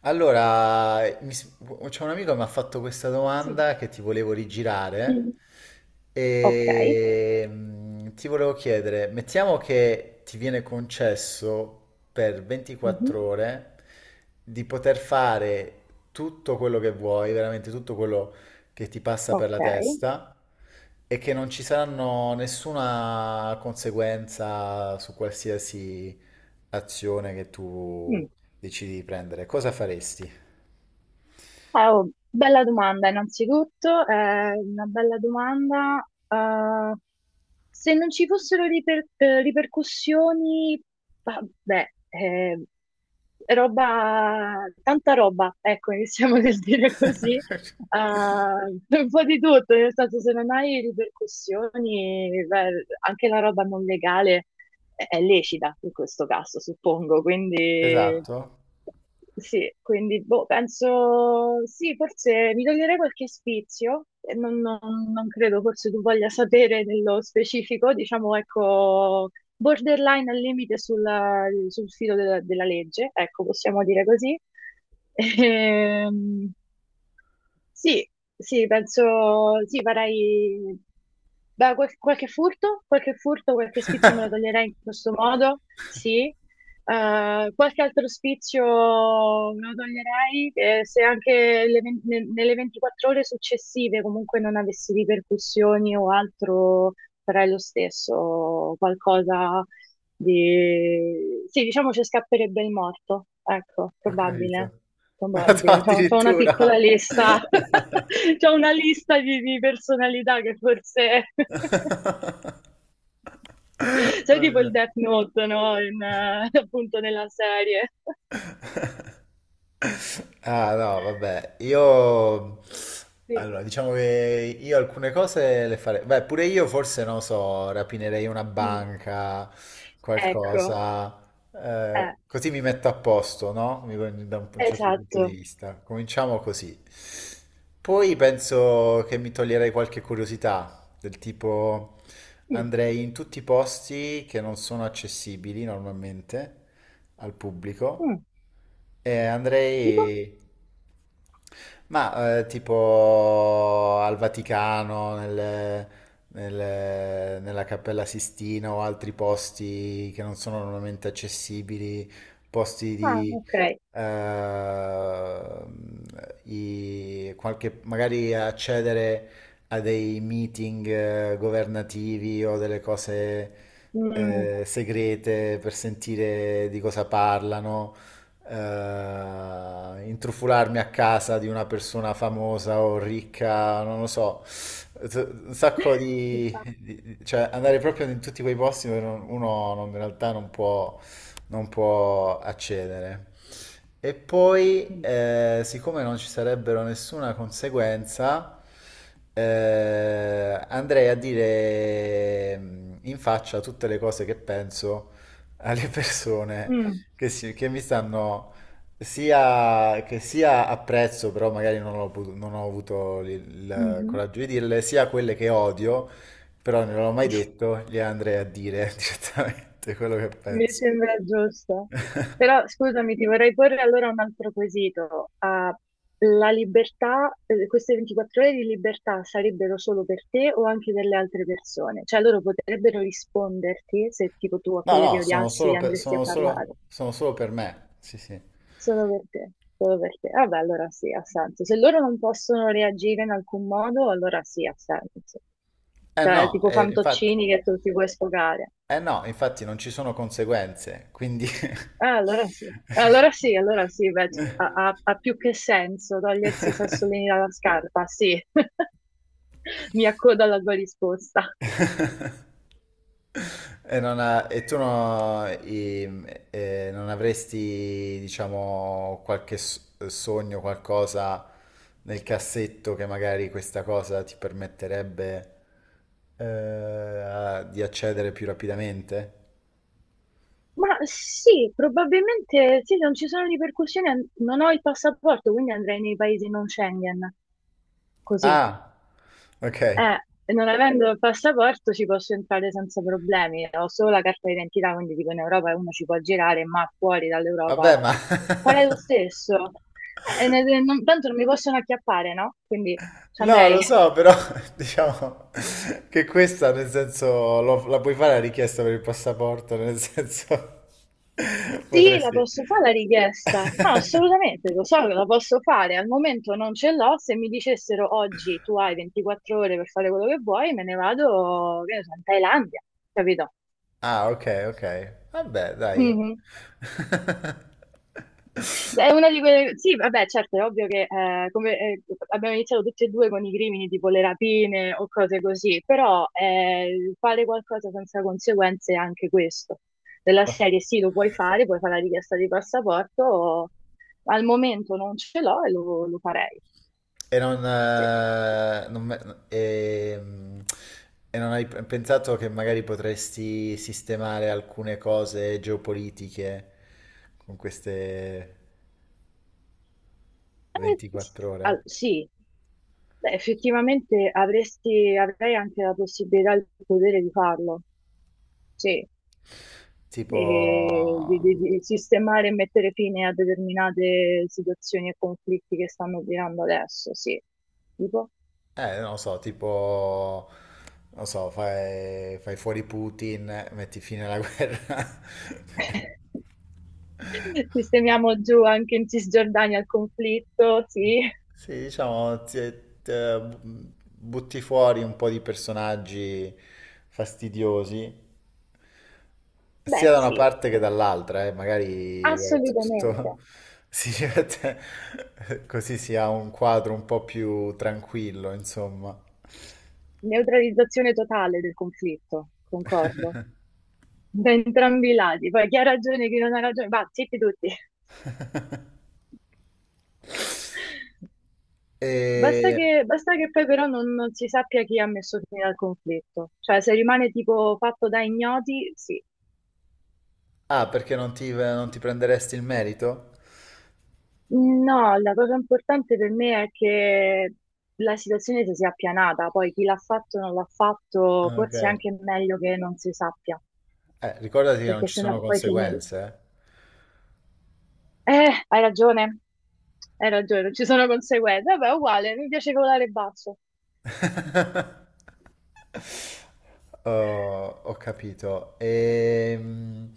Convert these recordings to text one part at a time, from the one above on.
Allora, c'è un amico che mi ha fatto questa Sì. domanda che ti volevo rigirare Mm. Ok. e ti volevo chiedere, mettiamo che ti viene concesso per 24 Mhm. ore di poter fare tutto quello che vuoi, veramente tutto quello che ti passa per la Ok. testa e che non ci saranno nessuna conseguenza su qualsiasi azione che tu Mm. decidi di prendere, cosa faresti? Oh, Bella domanda, innanzitutto, è una bella domanda. Se non ci fossero ripercussioni, vabbè, roba, tanta roba, ecco, iniziamo nel dire così. Eh, un po' di tutto, nel senso se non hai ripercussioni, beh, anche la roba non legale è lecita in questo caso, suppongo, quindi Esatto. sì, quindi boh, penso sì, forse mi toglierei qualche spizio, e non credo forse tu voglia sapere nello specifico, diciamo ecco, borderline al limite sul filo della legge, ecco, possiamo dire così. Ehm, sì, sì, penso, sì, farei, beh, qualche furto, qualche furto, qualche spizio me lo toglierei in questo modo, sì. Qualche altro spizio me lo toglierei se anche nelle 24 ore successive comunque non avessi ripercussioni o altro, farei lo stesso, qualcosa di... Sì, diciamo ci scapperebbe il morto, ecco, Ho probabile. capito. Probabile, c'ho una Addirittura. piccola lista, c'ho una lista di personalità che forse... Sai tipo il Vabbè. Death Note, no? Appunto nella serie. Ah no, vabbè, io Sì. allora diciamo che io alcune cose le farei, beh pure io forse non so, rapinerei una Mm. banca, Ecco, qualcosa, eh, così mi metto a posto, no? Da un certo punto di esatto. vista. Cominciamo così. Poi penso che mi toglierei qualche curiosità, del tipo Mm. andrei in tutti i posti che non sono accessibili normalmente al pubblico. Mm. Tipo? Andrei, ma tipo al Vaticano, nella Cappella Sistina o altri posti che non sono normalmente accessibili, posti Ah, di ok. eh, qualche, magari accedere a dei meeting governativi o delle cose Mm. Segrete per sentire di cosa parlano, intrufolarmi a casa di una persona famosa o ricca, non lo so, t- un sacco Ci sta. di, cioè andare proprio in tutti quei posti dove uno in realtà non può, non può accedere. E poi, Mm. Siccome non ci sarebbero nessuna conseguenza, andrei a dire in faccia tutte le cose che penso alle persone Mm. che, che mi stanno sia, che sia apprezzo, però magari non ho, non ho avuto il Mhm. coraggio di dirle, sia quelle che odio, però non l'ho mai detto, le andrei a dire direttamente quello che Mi penso. sembra giusto. Però scusami, ti vorrei porre allora un altro quesito. La libertà, queste 24 ore di libertà sarebbero solo per te o anche per le altre persone? Cioè loro potrebbero risponderti se tipo tu a No, quelle no, che odiassi andresti a parlare. sono solo per me. Sì, sì. Solo per te, solo per te. Vabbè, allora sì, ha senso. Se loro non possono reagire in alcun modo, allora sì, ha senso. Eh Cioè, no, tipo infatti, fantoccini che tu ti puoi sfogare. eh no, infatti non ci sono conseguenze, quindi... Ah, allora sì, allora sì, allora sì, beh, ha, ha più che senso togliersi i sassolini dalla scarpa, sì, mi accodo alla tua risposta. E, non ha- e tu non avresti, diciamo, sogno, qualcosa nel cassetto che magari questa cosa ti permetterebbe di accedere più rapidamente? Ma sì, probabilmente sì, non ci sono ripercussioni, non ho il passaporto, quindi andrei nei paesi non Schengen, così. Ah, ok. Non avendo il passaporto ci posso entrare senza problemi, ho solo la carta d'identità, quindi dico in Europa uno ci può girare, ma fuori dall'Europa Vabbè, ma... farei lo stesso. Tanto non mi possono acchiappare, no? Quindi ci No, andrei. lo so, però diciamo che questa, nel senso, la puoi fare la richiesta per il passaporto, nel senso, Sì, la potresti... posso fare la richiesta. No, assolutamente, lo so che la posso fare. Al momento non ce l'ho. Se mi dicessero oggi tu hai 24 ore per fare quello che vuoi, me ne vado, che ne so, in Thailandia, capito? Ah, ok, ok. Vabbè, dai. Mhm. È una di quelle... Sì, vabbè, certo, è ovvio che abbiamo iniziato tutti e due con i crimini tipo le rapine o cose così, però fare qualcosa senza conseguenze è anche questo. Della Ok. serie sì, lo puoi fare la richiesta di passaporto, al momento non ce l'ho e lo farei. E non, Sì, ehm, e non hai pensato che magari potresti sistemare alcune cose geopolitiche con queste 24 ore? sì. Beh, effettivamente avresti, avrei anche la possibilità e il potere di farlo. Sì. Tipo, Di sistemare e mettere fine a determinate situazioni e conflitti che stanno girando adesso, sì. Tipo, non lo so, tipo, non lo so, fai, fai fuori Putin, metti fine alla guerra. sistemiamo giù anche in Cisgiordania il conflitto, sì. Sì, diciamo, butti fuori un po' di personaggi fastidiosi, sia Beh, da una sì, parte che dall'altra, magari vabbè, assolutamente. tutto si mette- così si ha un quadro un po' più tranquillo, insomma. Neutralizzazione totale del conflitto, concordo. Da entrambi i lati. Poi chi ha ragione, chi non ha ragione, va, zitti tutti. E... Basta che poi però non si sappia chi ha messo fine al conflitto, cioè se rimane tipo fatto da ignoti, sì. Ah, perché non ti, non ti prenderesti il merito? No, la cosa importante per me è che la situazione si sia appianata, poi chi l'ha fatto o non l'ha fatto, Ah, ok. forse è anche meglio che non si sappia, Ricordati che non perché ci sennò sono poi finisce. conseguenze. Eh, hai ragione, hai ragione, ci sono conseguenze, vabbè, uguale, mi piace volare basso. Eh. Oh, ho capito.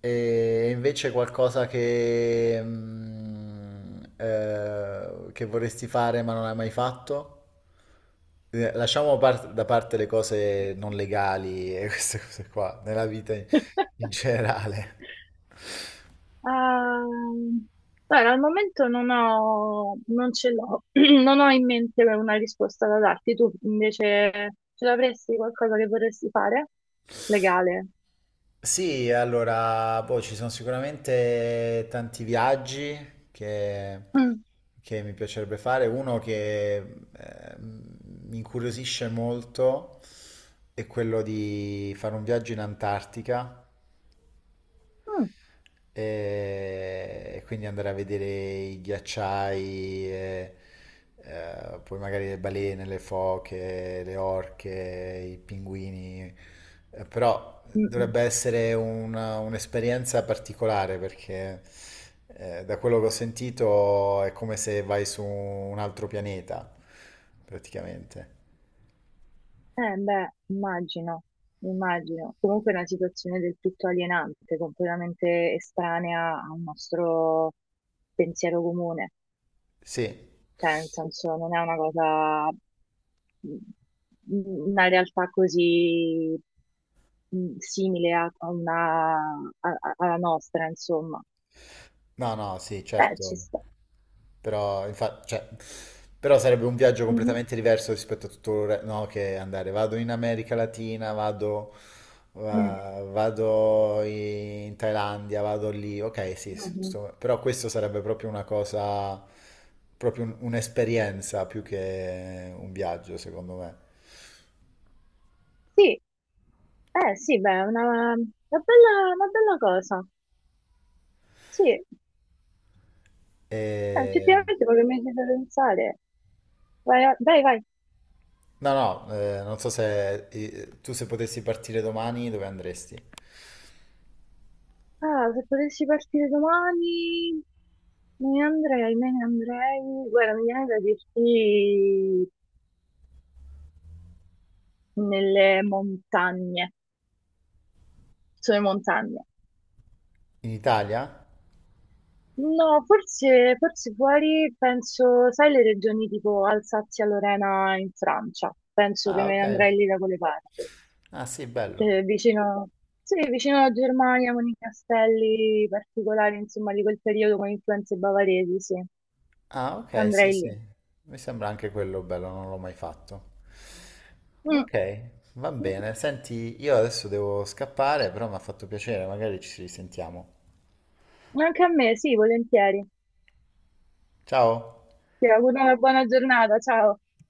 E, invece qualcosa che, che vorresti fare ma non hai mai fatto? Lasciamo da parte le cose non legali e queste cose qua, nella vita in in generale. Ehm, Guarda, al momento non ce l'ho, non ho in mente una risposta da darti. Tu invece ce l'avresti qualcosa che vorresti fare? Legale? Sì, allora, boh, ci sono sicuramente tanti viaggi che, Mm, che mi piacerebbe fare. Uno che mi incuriosisce molto è quello di fare un viaggio in Antartica. mm, E quindi andare a vedere i ghiacciai, e, poi magari le balene, le foche, le orche, i pinguini. Però mm, mm. dovrebbe essere un'esperienza particolare perché da quello che ho sentito è come se vai su un altro pianeta, praticamente. Beh, immagino, immagino. Comunque è una situazione del tutto alienante, completamente estranea al nostro pensiero comune. Sì, Cioè, nel senso, non è una cosa, mm, una realtà così simile a, a una, alla nostra, insomma. no, no, sì, Beh, ci certo. sta. Però, infatti, cioè, però sarebbe un viaggio Mhm. completamente diverso rispetto a tutto il no, che andare. Vado in America Latina, vado, Mm. Vado in Thailandia, vado lì. Ok, sì, sì, Mhm. Però questo sarebbe proprio una cosa, proprio un'esperienza più che un viaggio, secondo me. Sì, eh sì, beh, è una una bella cosa. Sì, E... effettivamente quello che mi hai fatto pensare. Vai, vai, vai. No, no, non so se tu se potessi partire domani, dove andresti? Ah, se potessi partire domani, me ne andrei, me ne andrei. Guarda, mi viene da dirti nelle montagne, sulle montagne. In Italia? No, forse, forse fuori, penso, sai le regioni tipo Alsazia-Lorena in Francia, penso che Ah, me ne ok. andrei lì da quelle parti, Ah, sì, bello. cioè, vicino, sì, vicino alla Germania con i castelli particolari, insomma, di quel periodo con influenze bavaresi, sì, Ah, ok, sì, andrei sì. lì. Mi sembra anche quello bello, non l'ho mai fatto. Mm. Ok, va bene. Senti, io adesso devo scappare, però mi ha fatto piacere, magari ci risentiamo. Anche a me, sì, volentieri. Ciao! Ti auguro una buona giornata, ciao.